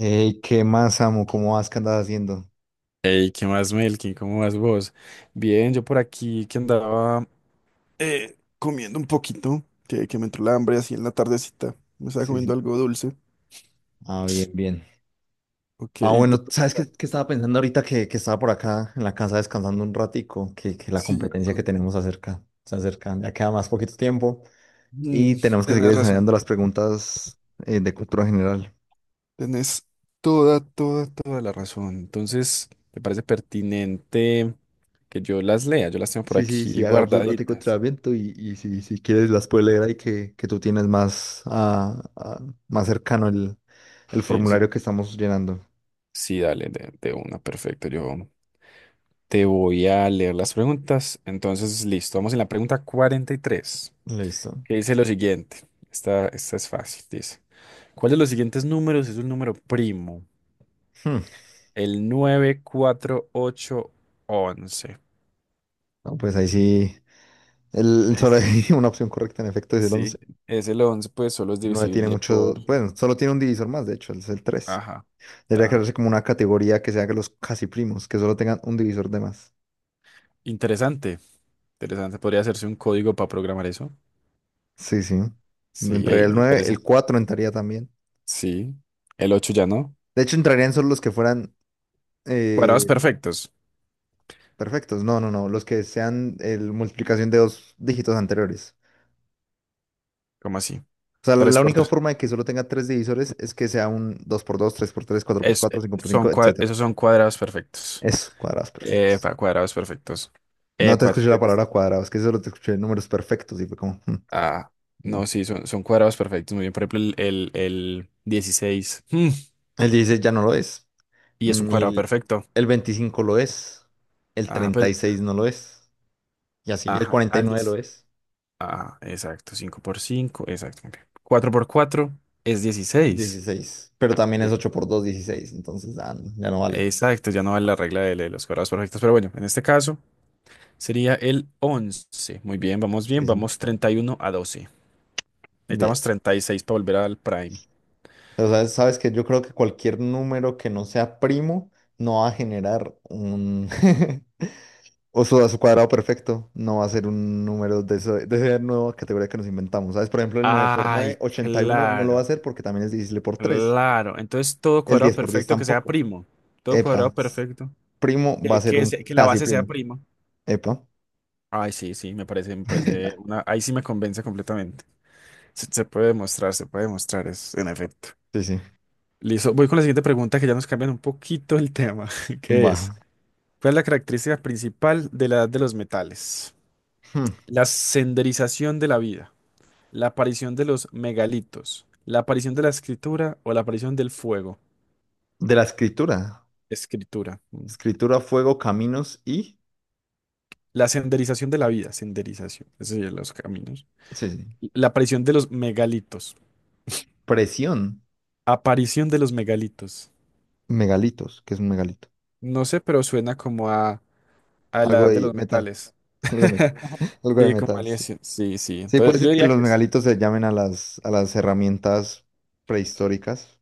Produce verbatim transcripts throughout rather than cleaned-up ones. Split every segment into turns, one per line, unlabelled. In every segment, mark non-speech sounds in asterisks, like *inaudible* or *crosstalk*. Ey, ¿qué más, amo? ¿Cómo vas? ¿Qué andas haciendo?
Hey, ¿qué más, Melkin? ¿Cómo vas vos? Bien, yo por aquí que andaba, eh, comiendo un poquito, que, que me entró la hambre así en la tardecita. Me estaba
Sí,
comiendo
sí.
algo dulce.
Ah, bien, bien.
Ok,
Ah,
¿y tú
bueno,
cómo
¿sabes
estás?
qué, qué estaba pensando ahorita que, que estaba por acá en la casa descansando un ratico? Que, que la
Sí,
competencia que
con...
tenemos acerca, se acerca, ya queda más poquito tiempo
mm,
y tenemos que seguir
tenés razón.
ensayando las preguntas eh, de cultura general.
Tenés toda, toda, toda la razón. Entonces, me parece pertinente que yo las lea. Yo las tengo por
Sí, sí,
aquí
sí, hagamos un ratico de
guardaditas.
entrenamiento y, y si, si quieres las puedes leer ahí que, que tú tienes más, ah, ah, más cercano el, el
Sí,
formulario
sí.
que estamos llenando.
Sí, dale, de, de una, perfecto. Yo te voy a leer las preguntas. Entonces, listo. Vamos en la pregunta cuarenta y tres,
Listo.
que dice lo siguiente. Esta, esta es fácil. Dice, ¿cuál de los siguientes números es un número primo?
Hmm.
El nueve, cuatro, ocho, once.
No, pues ahí sí. El, solo
Es-
hay *laughs* una opción correcta, en efecto, es el once.
sí, es el once, pues solo es
El nueve tiene
divisible
mucho,
por...
bueno, solo tiene un divisor más, de hecho, es el tres.
Ajá.
Debería
Ajá.
crearse como una categoría que sea que los casi primos, que solo tengan un divisor de más.
Interesante. Interesante. ¿Podría hacerse un código para programar eso?
Sí, sí.
Sí,
Entraría
ey,
el nueve, el
interesante.
cuatro entraría también.
Sí. El ocho ya no.
De hecho, entrarían solo los que fueran
Cuadrados
eh,
perfectos.
perfectos. No, no, no, los que sean el, multiplicación de dos dígitos anteriores.
¿Cómo así?
O sea,
Tres
la
por
única
tres.
forma de que solo tenga tres divisores es que sea un dos por dos, tres por tres, cuatro por
Es,
cuatro,
eh,
cinco por cinco,
son cua-
etcétera.
esos son cuadrados perfectos.
Eso, cuadrados perfectos.
Epa, cuadrados perfectos.
No te
Epa,
escuché la
tienes-
palabra cuadrado, es que solo te escuché números perfectos y fue como, "Hmm,
ah, no,
no.
sí, son, son cuadrados perfectos. Muy bien, por ejemplo, el, el, el dieciséis, mm,
El dieciséis ya no lo es,
y es un
ni
cuadrado
el,
perfecto.
el veinticinco lo es, el
Ajá,
treinta y
pel-
seis no lo es, y así, el
ajá,
cuarenta y
al
nueve lo
diez.
es,
Ajá, exacto, cinco por cinco, exacto. Muy bien. cuatro por cuatro es dieciséis.
dieciséis. Pero también es
Bien.
ocho por dos, dieciséis. Entonces ya, no, ya no vale.
Exacto, ya no vale la regla de, de los cuadrados perfectos, pero bueno, en este caso sería el once. Muy bien, vamos bien,
Sí, sí.
vamos treinta y uno a doce. Necesitamos
Bien,
treinta y seis para volver al prime.
pero sabes, sabes que yo creo que cualquier número que no sea primo no va a generar un, *laughs* O su, a su cuadrado perfecto no va a ser un número de, eso- de esa nueva categoría que nos inventamos. ¿Sabes? Por ejemplo, el nueve por nueve,
Ay,
ochenta y uno, no lo va a
claro,
hacer porque también es divisible por tres.
claro. Entonces todo
El
cuadrado
diez por diez
perfecto que sea
tampoco.
primo. Todo cuadrado
Epa.
perfecto.
Primo va a
Que,
ser
que,
un
se- que la
casi
base sea
primo.
prima.
Epa.
Ay, sí, sí, me parece, me parece
*laughs*
una. Ahí sí me convence completamente. Se, se puede demostrar, se puede demostrar, es en efecto.
Sí, sí.
Listo, voy con la siguiente pregunta que ya nos cambian un poquito el tema, *laughs* que
Va.
es, ¿cuál es la característica principal de la edad de los metales?
Hmm.
La senderización de la vida, la aparición de los megalitos, la aparición de la escritura o la aparición del fuego.
De la escritura.
Escritura. Mm.
Escritura, fuego, caminos y.
La senderización de la vida, senderización, eso serían los caminos.
Sí, sí.
La aparición de los megalitos.
Presión.
Aparición de los megalitos.
Megalitos, que es un megalito.
No sé, pero suena como a, a
Algo
la de
de
los
metal.
metales.
Algo de
*laughs*
metal. Algo de
Sí, como
metal, sí.
alienación. Sí, sí.
Sí, puede
Entonces,
ser
yo
que
diría
los
que es
megalitos se llamen a las, a las herramientas prehistóricas,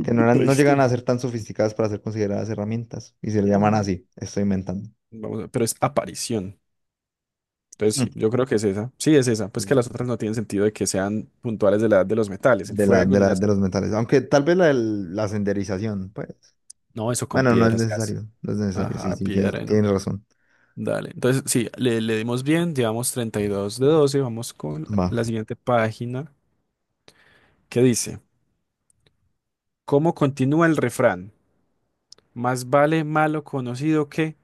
que no eran, no llegan a
prehistórica.
ser tan sofisticadas para ser consideradas herramientas, y se le llaman
Mm.
así, estoy inventando.
Vamos a- ver, pero es aparición. Entonces,
Mm.
sí, yo creo que es esa. Sí, es esa. Pues que
Sí,
las otras no tienen sentido de que sean puntuales de la edad de los metales, el
De la,
fuego
de
ni la
la, de los
escritura.
metales. Aunque tal vez la, del- la senderización, pues.
No, eso con
Bueno, no es
piedra se hace.
necesario. No es necesario. Sí,
Ajá,
sí, tienes,
piedra, ¿no?
tienes razón.
Dale, entonces sí, le, le dimos bien, llevamos treinta y dos de doce, vamos con
Va.
la siguiente página que dice, ¿cómo continúa el refrán? Más vale malo conocido que,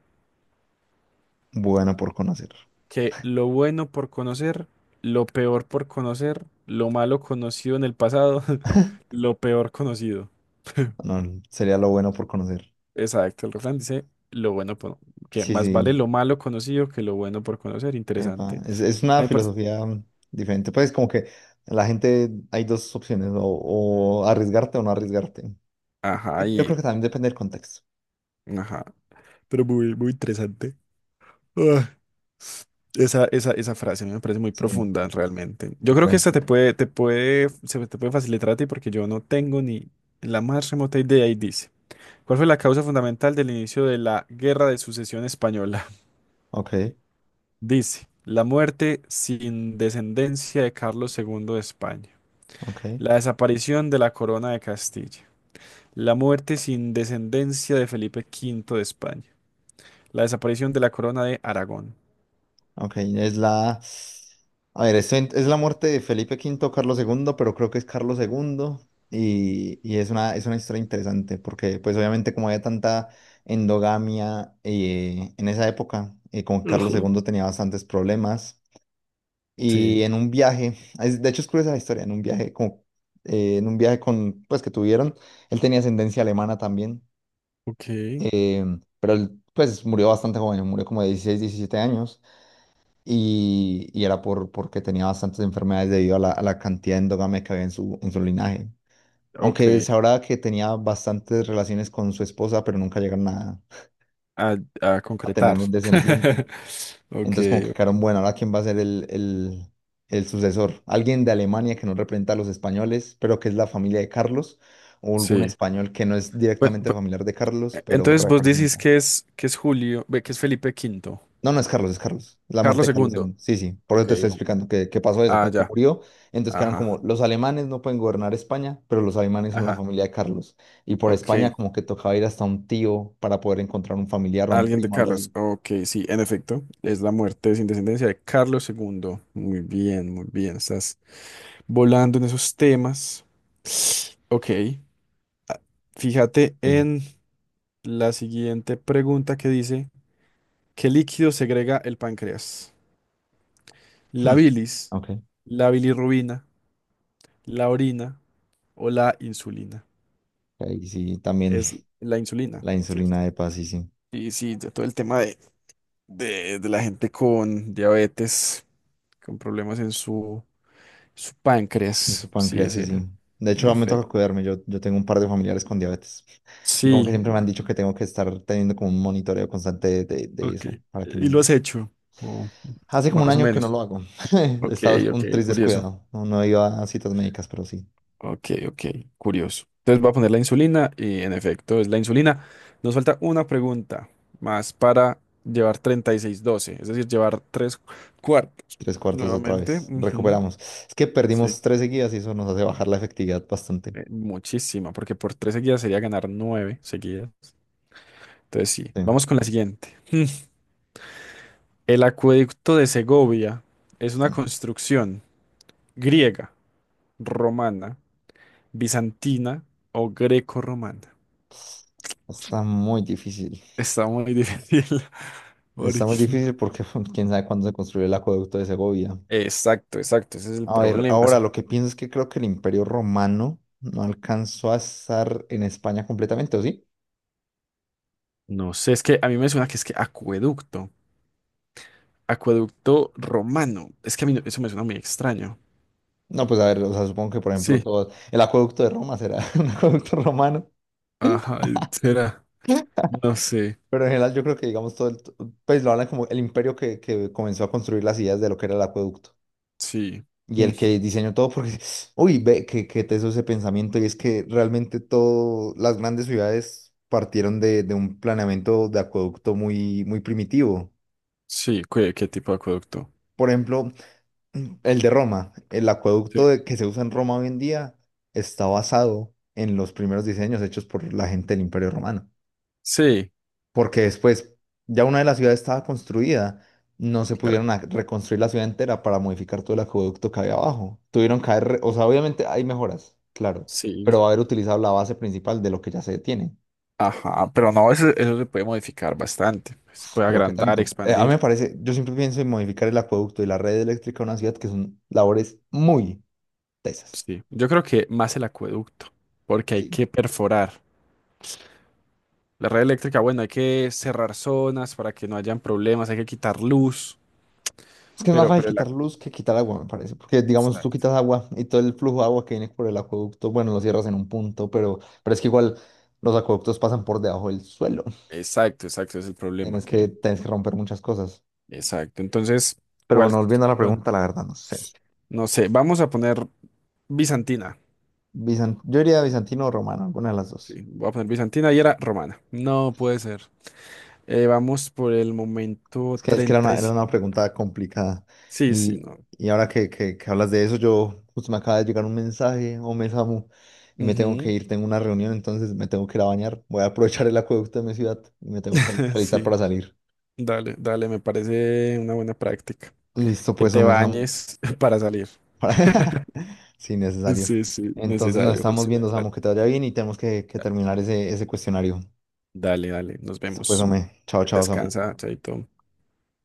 Bueno por conocer.
que lo bueno por conocer, lo peor por conocer, lo malo conocido en el pasado, *laughs* lo peor conocido.
No, sería lo bueno por conocer.
Exacto, el refrán dice lo bueno por, que
Sí,
más vale
sí.
lo malo conocido que lo bueno por conocer,
Epa,
interesante.
es, es
A
una
mí me parece-
filosofía mm, diferente. Pues como que la gente hay dos opciones, o, o arriesgarte o no arriesgarte.
Ajá,
Yo creo
y,
que también depende del contexto.
ajá, pero muy, muy interesante. Ah, Esa, esa, esa frase a mí me parece muy
Sí,
profunda realmente. Yo
sí, por
creo que esta
ejemplo.
te puede, te puede, se te puede facilitar a ti porque yo no tengo ni la más remota idea y dice, ¿cuál fue la causa fundamental del inicio de la Guerra de Sucesión Española? *laughs*
Ok,
Dice, la muerte sin descendencia de Carlos segundo de España,
ok,
la desaparición de la corona de Castilla, la muerte sin descendencia de Felipe quinto de España, la desaparición de la corona de Aragón.
ok. Es la. A ver, esto en- es la muerte de Felipe Quinto, Carlos segundo, pero creo que es Carlos segundo. Y, y es una, es una historia interesante porque pues obviamente como había tanta endogamia eh, en esa época, eh, con Carlos
Ajá.
segundo tenía bastantes problemas. Y
Sí,
en un viaje, es- de hecho es curiosa la historia, en un viaje como, eh, en un viaje con, pues que tuvieron, él tenía ascendencia alemana también.
ok.
eh, pero él pues murió bastante joven, murió como de dieciséis, diecisiete años y, y era por, porque tenía bastantes enfermedades debido a la, a la cantidad de endogamia que había en su, en su linaje. Aunque
Ok,
se sabrá que tenía bastantes relaciones con su esposa, pero nunca llegaron a,
a, a
a tener
concretar.
un
*laughs*
descendiente.
Ok,
Entonces como que quedaron, bueno, ahora quién va a ser el, el, el sucesor. Alguien de Alemania que no representa a los españoles, pero que es la familia de Carlos, o algún
sí.
español que no es
Bueno,
directamente
pu-
familiar de Carlos, pero
entonces vos decís
representa.
que es, que es Julio, ve, que es Felipe Quinto,
No, no es Carlos, es Carlos. Es la muerte
Carlos
de Carlos
Segundo.
segundo. Sí, sí, por eso
Ok,
te estoy
no.
explicando que, que pasó eso,
Ah,
como que
ya,
murió. Entonces quedaron
ajá,
como, los alemanes no pueden gobernar España, pero los alemanes son la
ajá,
familia de Carlos. Y por España
ok.
como que tocaba ir hasta un tío para poder encontrar un familiar o un
Alguien de
primo, algo
Carlos,
así.
ok, sí, en efecto, es la muerte sin descendencia de Carlos Segundo. Muy bien, muy bien, estás volando en esos temas. Ok, ah, fíjate
Sí, sí.
en la siguiente pregunta que dice, ¿qué líquido segrega el páncreas? La
Hmm,
bilis,
ok, ok,
la bilirrubina, la orina o la insulina.
ahí sí también.
Es la insulina,
La
¿cierto?
insulina de paz, sí, sí.
Y sí, de todo el tema de, de- de la gente con diabetes, con problemas en su, su
En su
páncreas. Sí,
páncreas, sí,
ese,
sí. De
en
hecho, me toca
efecto.
cuidarme. Yo, yo tengo un par de familiares con diabetes. Y como que
Sí,
siempre me han
bueno,
dicho que tengo que estar teniendo como un monitoreo constante de, de- de
ok.
eso, para que
¿Y lo
no.
has hecho? O
Hace como un
más o
año que no
menos.
lo hago. *laughs* He
Ok,
estado
ok,
un tris
curioso.
descuidado. No, no iba a citas médicas, pero sí.
Ok, ok, curioso. Entonces voy a poner la insulina y en efecto es la insulina. Nos falta una pregunta más para llevar treinta y seis doce, es decir, llevar tres cuartos.
Tres cuartos otra
Nuevamente,
vez.
ujú,
Recuperamos. Es que
sí,
perdimos tres seguidas y eso nos hace bajar la efectividad bastante.
eh, muchísima, porque por tres seguidas sería ganar nueve seguidas. Entonces sí,
Sí.
vamos con la siguiente. El acueducto de Segovia es una
No.
construcción griega, romana, bizantina o greco-romana.
Está muy difícil.
Está muy difícil. *laughs* Porque
Está muy difícil porque *laughs* quién sabe cuándo se construyó el acueducto de Segovia.
Exacto, exacto, ese es el
A ver,
problema. Es-
ahora lo que pienso es que creo que el Imperio Romano no alcanzó a estar en España completamente, ¿o sí?
No sé, es que a mí me suena que es que acueducto, acueducto romano. Es que a mí no- eso me suena muy extraño.
No, pues a ver, o sea, supongo que por ejemplo
Sí,
todo el acueducto de Roma será *laughs* un acueducto romano,
ajá, será. No sé,
pero en general yo creo que digamos todo el, pues lo hablan como el imperio que, que comenzó a construir las ideas de lo que era el acueducto
sí,
y
mm,
el que diseñó todo porque, *laughs* uy, ve que, que te hizo ese pensamiento y es que realmente todo, las grandes ciudades partieron de, de un planeamiento de acueducto muy, muy primitivo.
sí, ¿qué, qué tipo de acueducto?
Por ejemplo, Mm, el de Roma, el acueducto
Sí,
de- que se usa en Roma hoy en día está basado en los primeros diseños hechos por la gente del Imperio Romano,
sí,
porque después ya una de las ciudades estaba construida, no se
claro,
pudieron ac- reconstruir la ciudad entera para modificar todo el acueducto que había abajo. Tuvieron que haber, re- o sea, obviamente hay mejoras, claro,
sí,
pero haber utilizado la base principal de lo que ya se tiene.
ajá, pero no, eso, eso se puede modificar bastante. Se puede
Pero qué
agrandar,
tanto. Eh, a mí
expandir.
me parece, yo siempre pienso en modificar el acueducto y la red eléctrica de una ciudad que son labores muy tesas.
Sí, yo creo que más el acueducto, porque hay que perforar. La red eléctrica, bueno, hay que cerrar zonas para que no hayan problemas, hay que quitar luz,
Es que es más
pero,
fácil
pero la...
quitar luz que quitar agua, me parece, porque digamos tú
Exacto.
quitas agua y todo el flujo de agua que viene por el acueducto, bueno, lo cierras en un punto, pero, pero es que igual los acueductos pasan por debajo del suelo.
Exacto, exacto, es el problema
Tienes que,
que...
tienes que romper muchas cosas.
Exacto, entonces,
Pero
¿cuál?
bueno, volviendo a la
Bueno,
pregunta, la verdad no sé.
no sé, vamos a poner bizantina.
Bizan- yo diría bizantino o romano, alguna de las dos.
Sí, voy a poner bizantina y era romana. No puede ser. Eh, vamos por el
Es
momento
que, es que era
treinta
una,
y
era una
cinco
pregunta complicada.
Sí, sí,
Y,
no.
y ahora que, que, que hablas de eso, yo justo me acaba de llegar un mensaje o me Samu, y me tengo que
Ujú.
ir, tengo una reunión, entonces me tengo que ir a bañar. Voy a aprovechar el acueducto de mi ciudad y me tengo que al-
*laughs*
alistar para
Sí,
salir.
dale, dale, me parece una buena práctica.
Listo,
Que
pues,
te
Ome Samu.
bañes *laughs* para salir.
*laughs* Sí, necesario.
Sí, sí,
Entonces nos
necesario,
estamos
José,
viendo, Samu,
necesario.
que te vaya bien y tenemos que, que terminar ese, ese cuestionario.
Dale, dale, nos
Listo, pues,
vemos.
Ome. Chao, chao, Samu.
Descansa, chaito.